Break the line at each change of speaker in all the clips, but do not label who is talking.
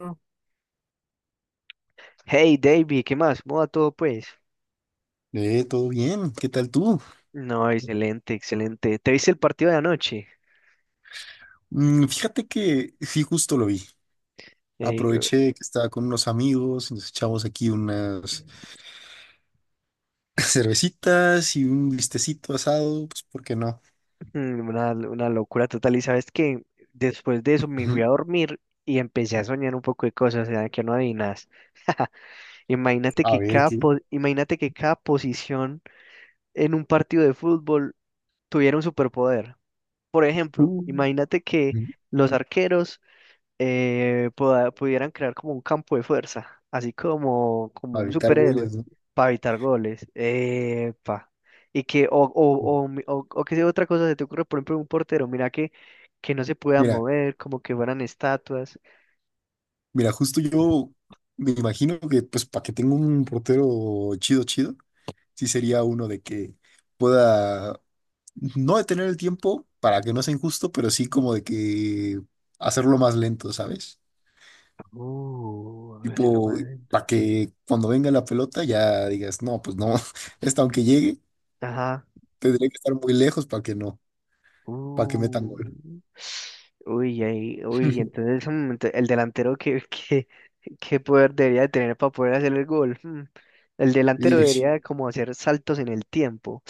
Mm. Hey, David, ¿qué más? ¿Cómo va todo, pues?
Todo bien, ¿qué tal tú?
No, excelente, excelente. ¿Te viste el partido de anoche?
Mm, fíjate que sí, justo lo vi.
Eh,
Aproveché que estaba con unos amigos, nos echamos aquí unas cervecitas y un listecito asado, pues ¿por qué no?
una locura total. Y sabes que después de eso me fui a
Ujú.
dormir y empecé a soñar un poco de cosas, o sea, que no adivinas. Imagínate
A
que
ver qué.
imagínate que cada posición en un partido de fútbol tuviera un superpoder. Por ejemplo,
Uh,
imagínate que
ujú.
los arqueros pudieran crear como un campo de fuerza, así como, como
A
un
evitar
superhéroe,
goles, ¿no?
para evitar goles. Epa. Y que, o,
Sí.
o, o, mi- o, o que sea otra cosa se te ocurre, por ejemplo, un portero, mira que no se pueda
Mira,
mover, como que fueran estatuas.
mira, justo yo me imagino que pues para que tenga un portero chido, chido, sí sería uno de que pueda no detener el tiempo para que no sea injusto, pero sí como de que hacerlo más lento, ¿sabes?
Hágaselo
Tipo,
más lento.
para que cuando venga la pelota ya digas, no, pues no, esta aunque llegue,
Ajá.
tendría que estar muy lejos para que no, para que metan
Uh.
gol.
Uy, ahí, uy, entonces el delantero que, que, ¿qué poder debería de tener para poder hacer el gol? Hmm, el delantero
Y
debería de como hacer saltos en el tiempo.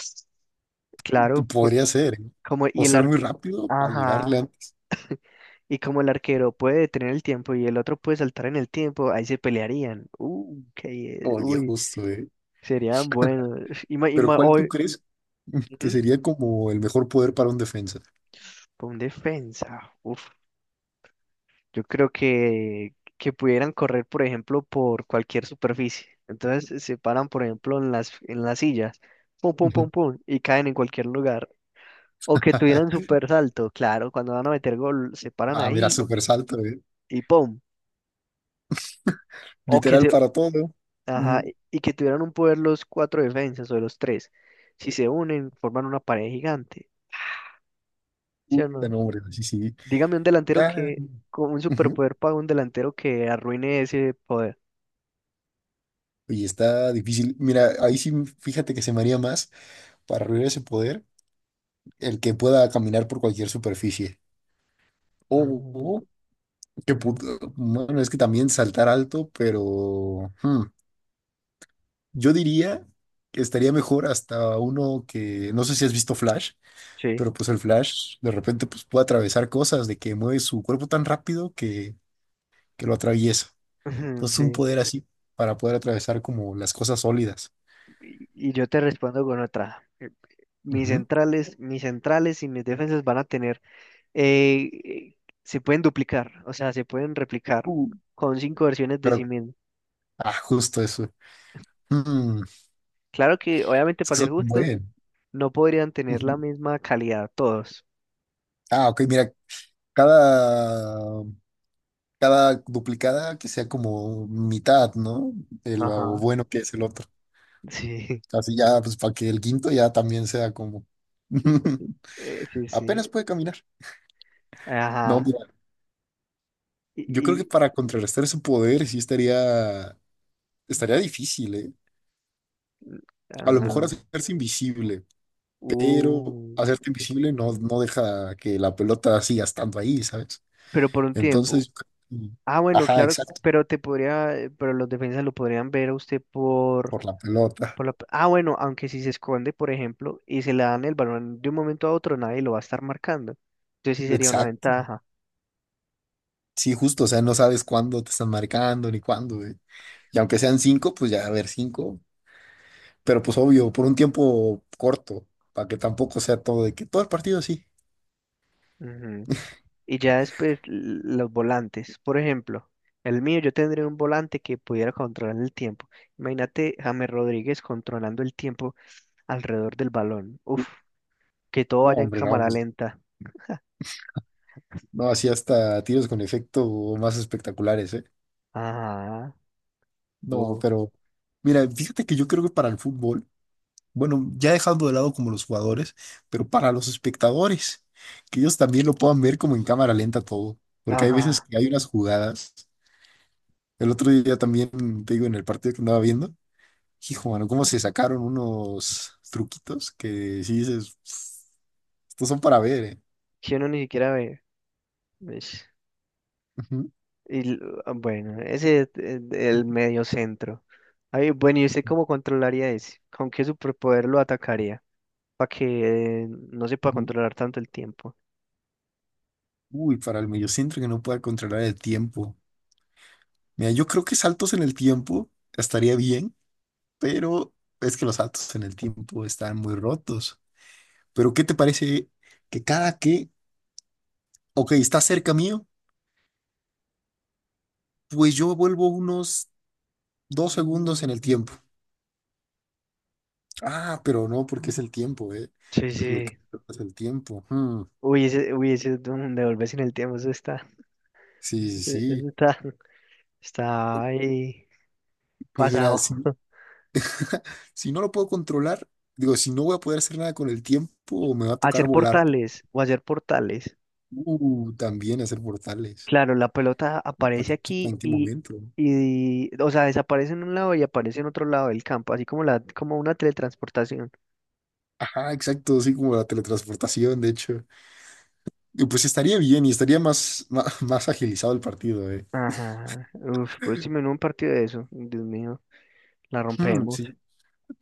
Claro,
podría ser, ¿eh?
como y
O
el
ser muy
arque...
rápido para llegarle
Ajá.
antes.
Y como el arquero puede detener el tiempo y el otro puede saltar en el tiempo, ahí se pelearían. Qué-
Oye,
Uy,
justo, ¿eh?
serían buenos.
Pero ¿cuál tú
Hoy,
crees que
ujú,
sería como el mejor poder para un defensa?
con defensa. Uf, yo creo que pudieran correr, por ejemplo, por cualquier superficie. Entonces se paran, por ejemplo, en en las sillas. Pum, pum, pum, pum. Y caen en cualquier lugar. O que tuvieran super salto, claro, cuando van a meter gol, se paran
Ah, mira,
ahí
súper salto, ¿eh?
y ¡pum! O que
Literal
se,
para todo.
ajá, y que tuvieran un poder los cuatro defensas o los tres. Si se unen, forman una pared gigante, ¿sí o
Puta,
no?
no, hombre, sí, sí.
Dígame un delantero
Ya,
que, con un
ujú.
superpoder para un delantero que arruine ese poder.
Oye, está difícil. Mira, ahí sí, fíjate que se me haría más para lograr ese poder el que pueda caminar por cualquier superficie.
Ah,
Oh, oh, qué
ujú.
puto. Bueno, es que también saltar alto, pero yo diría que estaría mejor hasta uno que no sé si has visto Flash,
Sí,
pero pues el Flash de repente pues puede atravesar cosas de que mueve su cuerpo tan rápido que lo atraviesa.
ujú,
Entonces, un
sí.
poder así para poder atravesar como las cosas sólidas.
Y yo te respondo con otra. Mis centrales, mis defensas van a tener eh, eh, se pueden duplicar, o sea, se pueden replicar
Mm.
con cinco versiones de sí
Pero,
mismo.
ah, justo eso. Mm,
Claro que, obviamente,
es
para
que
ser
son un
justos,
buen.
no podrían tener la
Ujú.
misma calidad todos.
Ah, ok, mira, cada, cada duplicada que sea como mitad, ¿no? De lo
Ajá,
bueno que es el otro.
sí,
Así ya, pues para que el quinto ya también sea como...
sí, sí,
Apenas puede caminar. No,
ajá.
mira,
Y,
yo creo que
y-
para contrarrestar su poder sí estaría, estaría difícil, ¿eh? A lo mejor
ah,
hacerse invisible, pero
uf,
hacerte invisible no deja que la pelota siga estando ahí, ¿sabes?
pero por un tiempo.
Entonces,
Ah, bueno,
ajá,
claro,
exacto,
pero te podría, pero los defensas lo podrían ver a usted por...
por la pelota.
Por la... Ah, bueno, aunque si se esconde, por ejemplo, y se le dan el balón de un momento a otro, nadie lo va a estar marcando. Entonces sí sería una
Exacto.
ventaja.
Sí, justo, o sea, no sabes cuándo te están marcando ni cuándo, güey. Y aunque sean cinco, pues ya, a ver, cinco. Pero pues obvio, por un tiempo corto, para que tampoco sea todo de que todo el partido sí.
Ujú. Y ya después los volantes. Por ejemplo, el mío yo tendría un volante que pudiera controlar el tiempo. Imagínate James Rodríguez controlando el tiempo alrededor del balón. Uf, que todo
No,
vaya en
hombre, no,
cámara
pues,
lenta.
no, así hasta tiros con efecto más espectaculares, ¿eh?
Ajá,
No,
uf,
pero mira, fíjate que yo creo que para el fútbol. Bueno, ya dejando de lado como los jugadores, pero para los espectadores, que ellos también lo puedan ver como en cámara lenta todo, porque hay veces
ajá.
que hay unas jugadas. El otro día también, te digo, en el partido que andaba viendo, hijo, mano, cómo se sacaron unos truquitos que si dices, "Pff, estos son para ver, ¿eh?".
Que uno ni siquiera ve. Ish.
Ujú,
Y, l- ah, bueno, ese es el medio centro. Ay, bueno, ¿y usted
ujú,
cómo controlaría ese? ¿Con qué superpoder lo atacaría? Para que no se pueda
ujú.
controlar tanto el tiempo.
Uy, para el mediocentro que no pueda controlar el tiempo. Mira, yo creo que saltos en el tiempo estaría bien, pero es que los saltos en el tiempo están muy rotos. Pero ¿qué te parece que cada que, ok, está cerca mío, pues yo vuelvo unos 2 segundos en el tiempo? Ah, pero no, porque es el tiempo, ¿eh?
Sí,
Lo que
sí.
es el tiempo. Hmm,
Uy, ese es un devolverse en el tiempo, eso está,
sí, sí,
eso
sí.
está, está ahí
Pues mira,
pasado.
si no lo puedo controlar, digo, si no voy a poder hacer nada con el tiempo, me va a tocar
Hacer
volar.
portales, o hacer portales.
También hacer portales.
Claro, la pelota
Para
aparece
que no sepa
aquí
en qué
y,
momento.
y, o sea, desaparece en un lado y aparece en otro lado del campo, así como la, como una teletransportación.
Ajá, exacto, así como la teletransportación, de hecho. Y pues estaría bien y estaría más agilizado el partido, ¿eh?
Ajá. Uf, pues si en un partido de eso, Dios mío, la
Mm,
rompemos.
sí.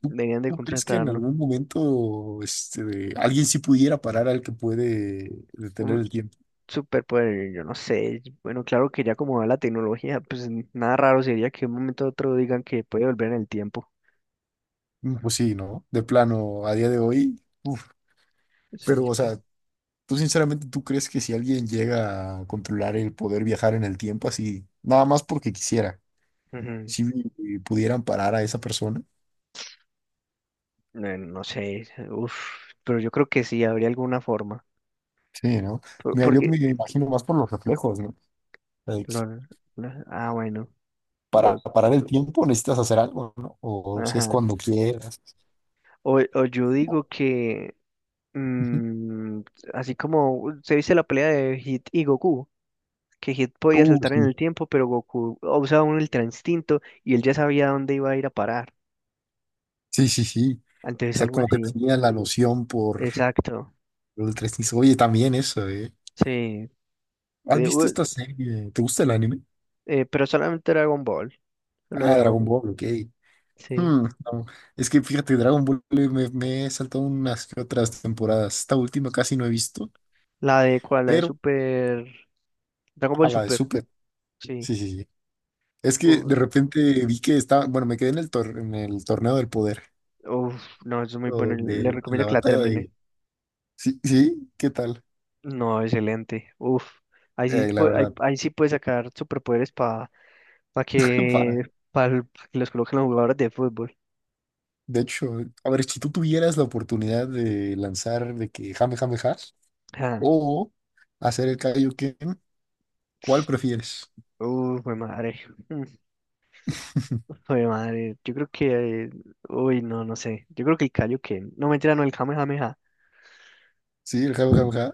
¿Tú,
Deberían de
¿tú crees que en
contratarnos.
algún momento este, alguien sí pudiera parar al que puede detener
Un
el tiempo?
superpoder, yo no sé. Bueno, claro que ya como va la tecnología, pues nada raro sería que de un momento a otro digan que puede volver en el tiempo.
Mm, pues sí, ¿no? De plano, a día de hoy, uf.
Sí.
Pero, o sea, ¿tú sinceramente tú crees que si alguien llega a controlar el poder viajar en el tiempo así, nada más porque quisiera,
Ujú.
si pudieran parar a esa persona?
No, no sé, uf, pero yo creo que sí, habría alguna forma.
Sí, ¿no? Mira, yo me
Porque,
imagino más por los reflejos, ¿no? Like,
los, ah, bueno,
para
los,
parar el tiempo necesitas hacer algo, ¿no? O si es
ajá.
cuando quieras.
O yo digo
¿No?
que,
Ujú.
mm, así como se dice la pelea de Hit y Goku. Que Hit podía saltar en
Sí.
el tiempo, pero Goku usaba un ultra instinto y él ya sabía dónde iba a ir a parar.
Sí, sí, sí. O
Entonces
sea,
algo
como que
así.
tenía la loción por
Exacto.
lo del tres niños. Oye, también eso, ¿eh?
Sí.
¿Has
Te-
visto
u-
esta serie? ¿Te gusta el anime?
pero solamente Dragon Ball. Solo
Ah, Dragon
Dragon.
Ball, ok.
Sí.
Hmm, no. Es que fíjate, Dragon Ball me he saltado unas que otras temporadas. Esta última casi no he visto,
La de cuál, la de
pero
Super. Dragon
a
Ball
la de
Super.
Super.
Sí.
Sí, sí, sí. Es que de
U-
repente vi que estaba, bueno, me quedé en en el torneo del poder,
Uf, no, eso es muy
o
bueno. Le
donde
recomiendo
la
que la
batalla
termine.
de... Sí, sí, ¿qué tal?
No, excelente. Uf. Ahí sí,
La verdad,
ahí sí puede sacar superpoderes para que,
para.
pa que los coloquen los jugadores de fútbol.
De hecho, a ver, si tú tuvieras la oportunidad de lanzar de que jame, jame, has o hacer el Kaioken, ¿cuál prefieres?
Fue madre. Mm, fue madre. Yo creo que. Uy, no, no sé. Yo creo que el Kaioken. No, mentira, no, el Kamehameha.
Sí, el jame, jame, ja.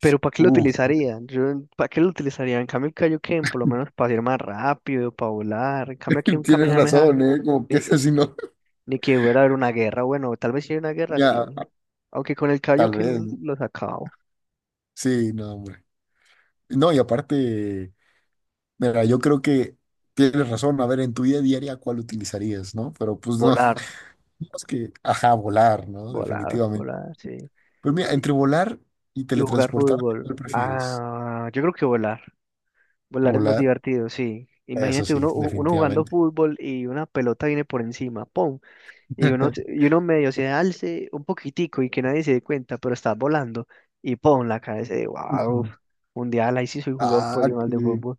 Pero ¿para qué lo
Uf,
utilizarían? Yo, ¿para qué lo utilizarían? En cambio, el Kaioken, por lo menos para ir más rápido, para volar. En cambio, aquí un
tienes
Kamehameha,
razón, ¿eh? Como que
ni,
es así, ¿no?
ni que hubiera haber una guerra. Bueno, tal vez si hay una guerra,
Ya,
sí. Aunque con el
tal vez,
Kaioken
¿no?
lo sacaba.
Sí, no, hombre. No, y aparte, mira, yo creo que tienes razón. A ver, en tu vida diaria, ¿cuál utilizarías, no? Pero pues no,
Volar,
es que, ajá, volar, ¿no? Definitivamente.
volar, sí.
Pues mira, entre
Y,
volar y
y jugar
teletransportarte,
fútbol.
¿cuál prefieres?
Ah, yo creo que volar. Volar es más
¿Volar?
divertido, sí.
Eso
Imagínate
sí,
uno, uno jugando
definitivamente.
fútbol y una pelota viene por encima, ¡pum! Y uno, y uno medio se alce un poquitico y que nadie se dé cuenta, pero estás volando y ¡pum! La cabeza de wow,
Ujú.
mundial, ahí sí soy jugador
Ah,
profesional de
que-
fútbol.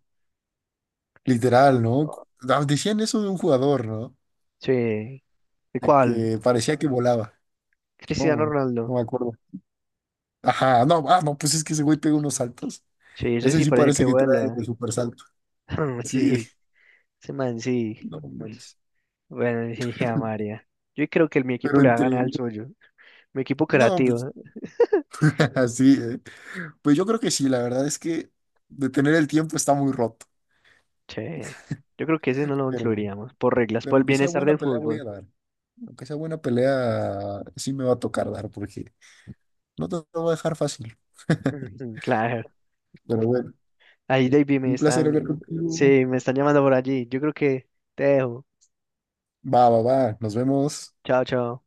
literal, ¿no? Ah, decían eso de un jugador, ¿no?
Sí. ¿Y
De
cuál?
que parecía que volaba.
Cristiano
No, no
Ronaldo.
me acuerdo. Ajá, no, ah, no, pues es que ese güey pega unos saltos.
Sí, ese
Ese
sí
sí
parece que
parece que trae
vuela.
el super salto. Sí,
Sí, ese man sí.
no manches.
Bueno, sí, a María. Yo creo que mi equipo
Pero
le va a
entre.
ganar al suyo. Mi equipo
No, pues
creativo.
así, eh. Pues yo creo que sí, la verdad es que detener el tiempo está muy roto.
Che, yo creo que ese no lo
Pero,
incluiríamos, por reglas,
pero
por el
aunque sea
bienestar
buena
del
pelea, voy
fútbol.
a dar. Aunque sea buena pelea, sí me va a tocar dar, porque no te lo voy a dejar fácil.
Ujú, claro.
Pero bueno,
Ahí, David, me
un placer
están,
hablar contigo.
sí, me están llamando por allí. Yo creo que te dejo.
Va, va, va. Nos vemos.
Chao, chao.